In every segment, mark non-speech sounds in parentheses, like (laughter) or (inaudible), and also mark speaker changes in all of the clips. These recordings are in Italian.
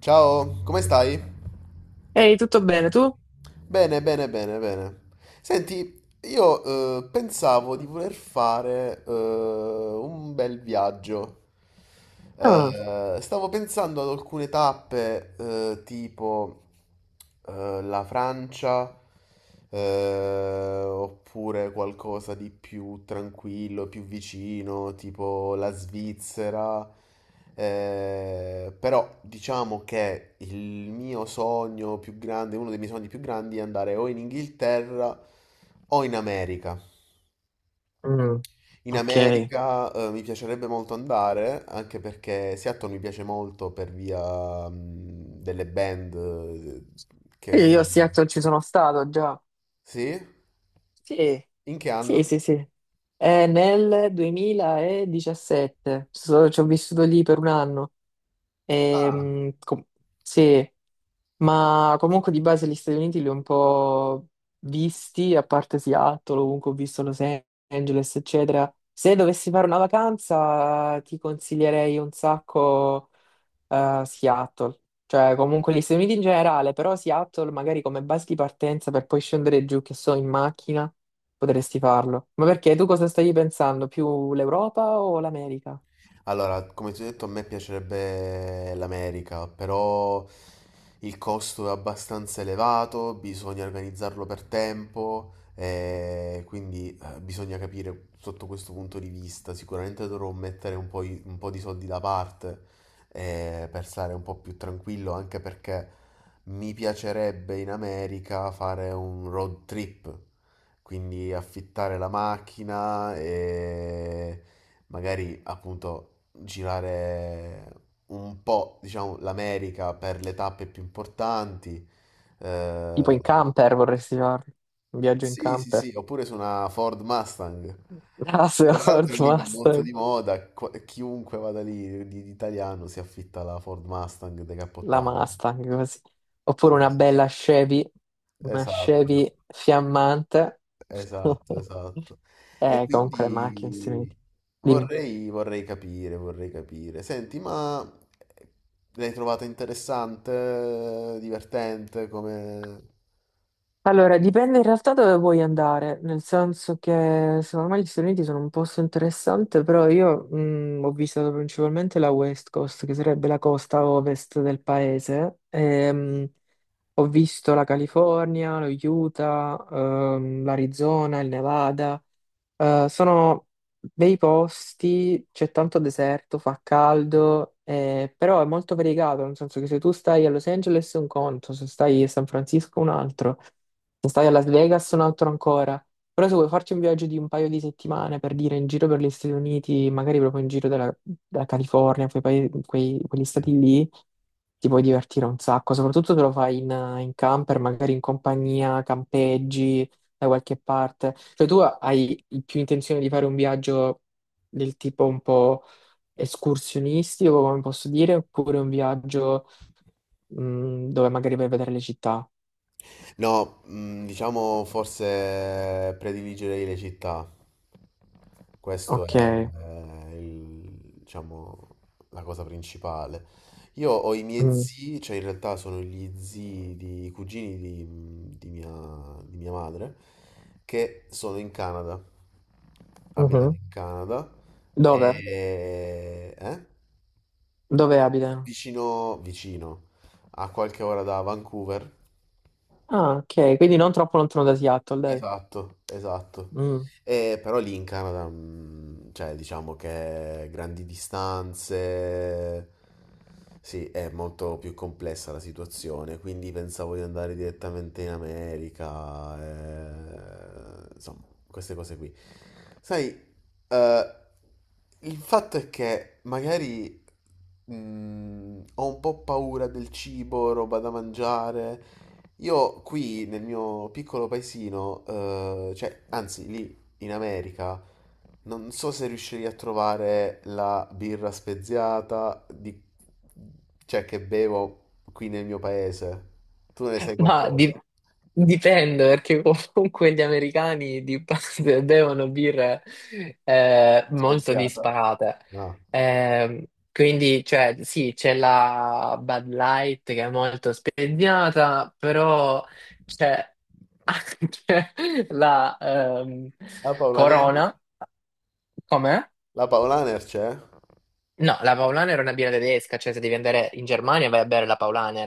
Speaker 1: Ciao, come stai?
Speaker 2: Ehi, tutto bene, tu?
Speaker 1: Bene, bene, bene, bene. Senti, io pensavo di voler fare un bel viaggio.
Speaker 2: Ah,
Speaker 1: Stavo pensando ad alcune tappe, tipo la Francia, oppure qualcosa di più tranquillo, più vicino, tipo la Svizzera. Però diciamo che il mio sogno più grande, uno dei miei sogni più grandi è andare o in Inghilterra o in America.
Speaker 2: mm,
Speaker 1: In
Speaker 2: ok. Io,
Speaker 1: America, mi piacerebbe molto andare, anche perché Seattle mi piace molto per via, delle band che si
Speaker 2: io a
Speaker 1: sono.
Speaker 2: Seattle ci sono stato già.
Speaker 1: Sì?
Speaker 2: Sì,
Speaker 1: In che
Speaker 2: sì,
Speaker 1: anno?
Speaker 2: sì, sì. È nel 2017. Ci ho vissuto lì per un anno.
Speaker 1: Ah.
Speaker 2: Ehm, com- sì, ma comunque di base gli Stati Uniti li ho un po' visti, a parte Seattle, ovunque ho visto Los Angeles, eccetera. Se dovessi fare una vacanza, ti consiglierei un sacco. Seattle, cioè comunque gli Stati Uniti in generale, però Seattle magari come base di partenza per poi scendere giù, che so, in macchina, potresti farlo. Ma perché tu cosa stavi pensando? Più l'Europa o l'America?
Speaker 1: Allora, come ti ho detto, a me piacerebbe l'America, però il costo è abbastanza elevato, bisogna organizzarlo per tempo, e quindi bisogna capire sotto questo punto di vista. Sicuramente dovrò mettere un po', un po' di soldi da parte per stare un po' più tranquillo, anche perché mi piacerebbe in America fare un road trip, quindi affittare la macchina e magari appunto girare un po', diciamo, l'America per le tappe più importanti.
Speaker 2: Tipo
Speaker 1: Eh,
Speaker 2: in camper vorresti farlo? Un viaggio in
Speaker 1: sì, sì,
Speaker 2: camper?
Speaker 1: sì, oppure su una Ford Mustang.
Speaker 2: (laughs) Ah, se La
Speaker 1: Tra
Speaker 2: Ford
Speaker 1: l'altro lì va molto
Speaker 2: Mustang,
Speaker 1: di moda, chiunque vada lì di italiano si affitta la Ford Mustang
Speaker 2: la
Speaker 1: decappottabile.
Speaker 2: Mustang così. Oppure
Speaker 1: Sì,
Speaker 2: una
Speaker 1: sì, sì.
Speaker 2: bella Chevy, una
Speaker 1: Esatto.
Speaker 2: Chevy fiammante.
Speaker 1: Esatto,
Speaker 2: (laughs)
Speaker 1: esatto. E
Speaker 2: Comunque le macchine, Stati
Speaker 1: quindi
Speaker 2: Uniti. Dimmi.
Speaker 1: vorrei, vorrei capire, vorrei capire. Senti, ma l'hai trovata interessante, divertente, come...
Speaker 2: Allora, dipende in realtà dove vuoi andare, nel senso che secondo me gli Stati Uniti sono un posto interessante, però io ho visitato principalmente la West Coast, che sarebbe la costa ovest del paese. Ho visto la California, lo Utah, l'Arizona, il Nevada. Sono bei posti, c'è tanto deserto, fa caldo, però è molto variegato, nel senso che se tu stai a Los Angeles è un conto, se stai a San Francisco è un altro, se stai a Las Vegas è un altro ancora. Però se vuoi farci un viaggio di un paio di settimane per dire in giro per gli Stati Uniti, magari proprio in giro della California, quegli stati lì, ti puoi divertire un sacco, soprattutto se lo fai in camper, magari in compagnia, campeggi da qualche parte. Cioè tu hai più intenzione di fare un viaggio del tipo un po' escursionistico, come posso dire, oppure un viaggio dove magari vai a vedere le città.
Speaker 1: No, mm, diciamo forse prediligerei le città. Questo è,
Speaker 2: Ok.
Speaker 1: eh, il- diciamo, la cosa principale. Io ho i miei
Speaker 2: Mm.
Speaker 1: zii, cioè in realtà sono gli zii di i cugini di mia madre, che sono in Canada, abitano
Speaker 2: Mhm.
Speaker 1: in Canada,
Speaker 2: Dove?
Speaker 1: e,
Speaker 2: Dove abita?
Speaker 1: vicino, vicino, a qualche ora da Vancouver.
Speaker 2: Ah, ok, quindi non troppo lontano da Seattle, dai.
Speaker 1: Esatto, esatto.
Speaker 2: Mm.
Speaker 1: E però lì in Canada, mm, cioè diciamo che grandi distanze, sì, è molto più complessa la situazione, quindi pensavo di andare direttamente in America, insomma, queste cose qui. Sai, eh, il fatto è che magari ho un po' paura del cibo, roba da mangiare. Io qui nel mio piccolo paesino, cioè, anzi lì in America, non so se riuscirei a trovare la birra speziata cioè, che bevo qui nel mio paese. Tu ne sai
Speaker 2: Ma
Speaker 1: qualcosa?
Speaker 2: dipende perché (laughs) comunque gli americani di base (laughs) bevono birre molto
Speaker 1: Speziata?
Speaker 2: disparate.
Speaker 1: No.
Speaker 2: Ehm, quindi, cioè, sì, c'è la Bud Light che è molto spegnata, però c'è anche (laughs) la
Speaker 1: La Paolaner?
Speaker 2: Corona, com'è?
Speaker 1: La Paolaner c'è?
Speaker 2: No, la Paulaner è una birra tedesca, cioè se devi andare in Germania vai a bere la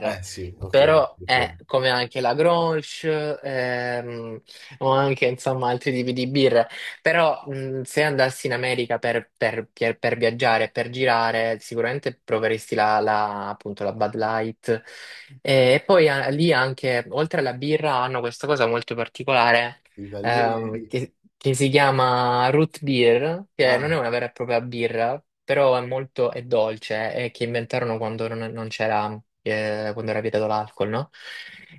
Speaker 1: Eh sì, ok,
Speaker 2: però
Speaker 1: ok.
Speaker 2: è come anche la Grolsch ehm, o anche insomma altri tipi di birra, però se andassi in America per viaggiare, per girare, sicuramente proveresti appunto la Bud Light e, poi lì anche, oltre alla birra, hanno questa cosa molto particolare
Speaker 1: I taglieri.
Speaker 2: che si chiama root beer, che non
Speaker 1: Ah,
Speaker 2: è una vera e propria birra, però è molto è dolce e che inventarono quando non c'era, quando era vietato l'alcol, no?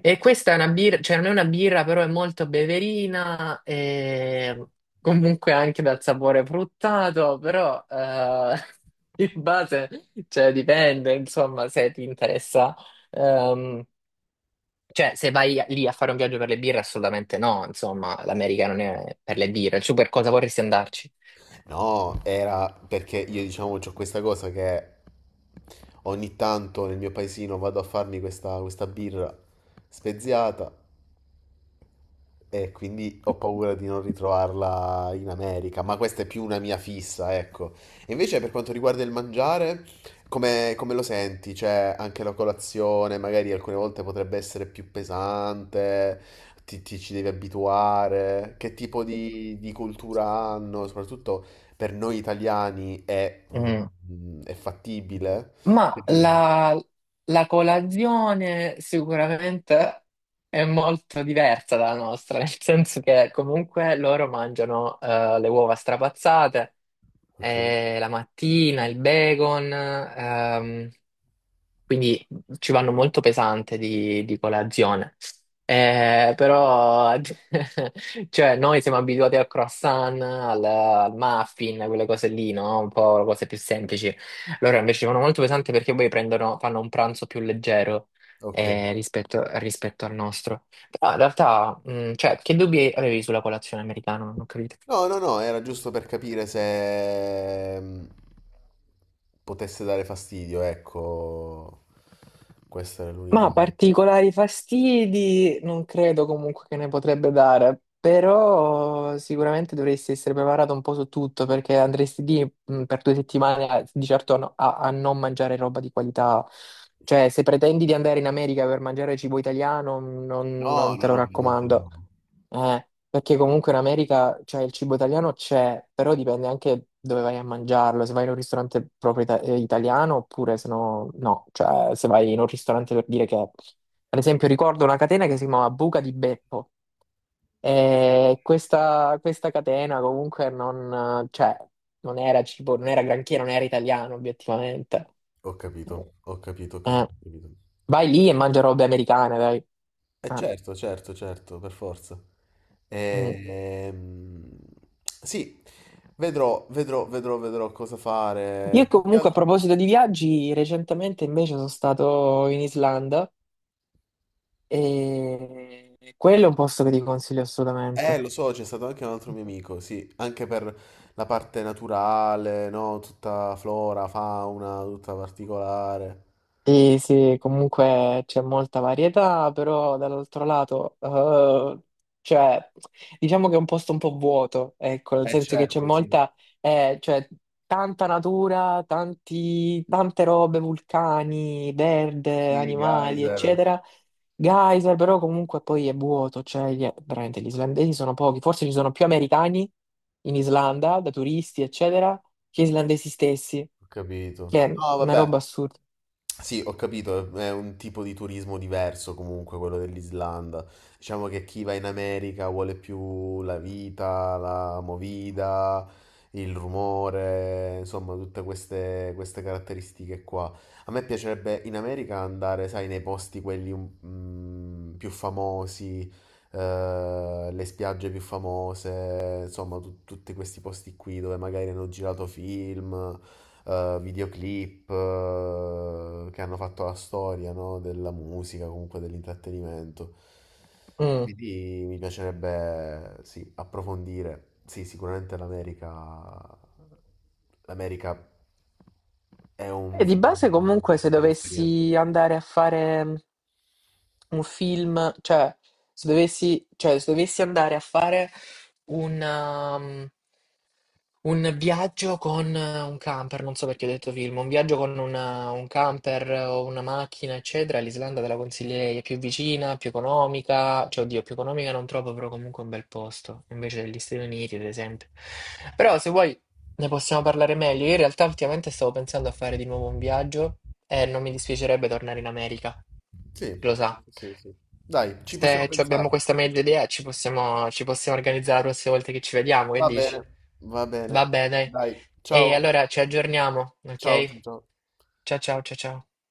Speaker 2: E questa è una birra, cioè non è una birra, però è molto beverina e comunque anche dal sapore fruttato, però (laughs) in base, cioè dipende, insomma, se ti interessa. Ehm, cioè, se vai lì a fare un viaggio per le birre, assolutamente no, insomma, l'America non è per le birre. Su per cosa vorresti andarci?
Speaker 1: no, era perché io diciamo ho questa cosa che ogni tanto nel mio paesino vado a farmi questa, questa birra speziata e quindi ho paura di non ritrovarla in America, ma questa è più una mia fissa, ecco. E invece per quanto riguarda il mangiare, come, come lo senti? Cioè, anche la colazione magari alcune volte potrebbe essere più pesante, ti ci devi abituare, che tipo di cultura hanno, soprattutto per noi italiani è,
Speaker 2: Mm.
Speaker 1: è fattibile? Che
Speaker 2: Ma
Speaker 1: dici?
Speaker 2: la colazione sicuramente è molto diversa dalla nostra, nel senso che comunque loro mangiano le uova strapazzate,
Speaker 1: Ok.
Speaker 2: la mattina il bacon, quindi ci vanno molto pesante di colazione. Però, (laughs) cioè, noi siamo abituati al croissant, al muffin, quelle cose lì, no? Un po' cose più semplici. Loro invece ci vanno molto pesanti perché poi prendono, fanno un pranzo più leggero
Speaker 1: Ok.
Speaker 2: rispetto al nostro. Però in realtà, cioè, che dubbi avevi sulla colazione americana? Non ho capito.
Speaker 1: No, no, no, era giusto per capire se potesse dare fastidio, ecco. Questa era l'unica.
Speaker 2: Ma particolari fastidi non credo comunque che ne potrebbe dare, però sicuramente dovresti essere preparato un po' su tutto perché andresti lì per 2 settimane di certo a, no- a- a non mangiare roba di qualità. Cioè, se pretendi di andare in America per mangiare cibo italiano, non,
Speaker 1: No,
Speaker 2: non te
Speaker 1: no, no,
Speaker 2: lo
Speaker 1: ovviamente
Speaker 2: raccomando.
Speaker 1: no.
Speaker 2: Perché comunque in America, cioè, il cibo italiano c'è, però dipende anche dove vai a mangiarlo, se vai in un ristorante proprio italiano oppure se no, no, cioè se vai in un ristorante per dire che, ad esempio, ricordo una catena che si chiamava Buca di Beppo e questa catena comunque non era cibo, non era granché, non era italiano obiettivamente.
Speaker 1: Ho capito, ho capito, ho
Speaker 2: Eh,
Speaker 1: capito, ho capito.
Speaker 2: vai lì e mangia robe americane, dai.
Speaker 1: Eh
Speaker 2: Eh,
Speaker 1: certo, certo, certo, per forza.
Speaker 2: mm.
Speaker 1: Ehm, sì, vedrò, vedrò, vedrò, vedrò cosa fare.
Speaker 2: Io
Speaker 1: Più che
Speaker 2: comunque a
Speaker 1: altro-
Speaker 2: proposito di viaggi, recentemente invece sono stato in Islanda e quello è un posto che ti consiglio assolutamente.
Speaker 1: Lo so, c'è stato anche un altro mio amico, sì, anche per la parte naturale, no? Tutta flora, fauna, tutta particolare.
Speaker 2: Sì, sì, comunque c'è molta varietà, però dall'altro lato, cioè, diciamo che è un posto un po' vuoto, ecco, nel
Speaker 1: Eh
Speaker 2: senso che c'è
Speaker 1: certo, sì.
Speaker 2: molta, cioè, tanta natura, tanti, tante robe, vulcani, verde,
Speaker 1: Sì,
Speaker 2: animali,
Speaker 1: geyser. Ho
Speaker 2: eccetera. Geyser, però comunque poi è vuoto, cioè, veramente gli islandesi sono pochi, forse ci sono più americani in Islanda, da turisti, eccetera, che islandesi stessi,
Speaker 1: capito.
Speaker 2: che è
Speaker 1: No,
Speaker 2: una roba
Speaker 1: vabbè.
Speaker 2: assurda.
Speaker 1: Sì, ho capito, è un tipo di turismo diverso comunque quello dell'Islanda. Diciamo che chi va in America vuole più la vita, la movida, il rumore, insomma, tutte queste, queste caratteristiche qua. A me piacerebbe in America andare, sai, nei posti quelli mm, più famosi, le spiagge più famose, insomma, tutti questi posti qui dove magari hanno girato film videoclip che hanno fatto la storia, no? Della musica, comunque dell'intrattenimento.
Speaker 2: Mm.
Speaker 1: Quindi mi piacerebbe, sì, approfondire. Sì, sicuramente l'America, l'America è un
Speaker 2: E di base
Speaker 1: sicuramente una
Speaker 2: comunque se
Speaker 1: bella esperienza.
Speaker 2: dovessi andare a fare un film, cioè, se dovessi andare a fare un, um, un viaggio con un camper, non so perché ho detto film, un viaggio con un camper o una macchina, eccetera, l'Islanda te la consiglierei, è più vicina, più economica, cioè oddio, più economica non trovo, però comunque è un bel posto, invece degli Stati Uniti, ad esempio. Però se vuoi. Ne possiamo parlare meglio. Io in realtà ultimamente stavo pensando a fare di nuovo un viaggio e non mi dispiacerebbe tornare in America,
Speaker 1: Sì,
Speaker 2: lo sa.
Speaker 1: sì, sì, sì. Dai, ci possiamo
Speaker 2: Se ci abbiamo
Speaker 1: pensare.
Speaker 2: questa meglio idea ci possiamo organizzare la prossima volta che ci vediamo, che
Speaker 1: Va bene,
Speaker 2: dici?
Speaker 1: va bene.
Speaker 2: Va bene. Dai.
Speaker 1: Dai,
Speaker 2: E
Speaker 1: ciao,
Speaker 2: allora ci aggiorniamo,
Speaker 1: ciao,
Speaker 2: ok?
Speaker 1: ciao.
Speaker 2: Ciao ciao ciao ciao.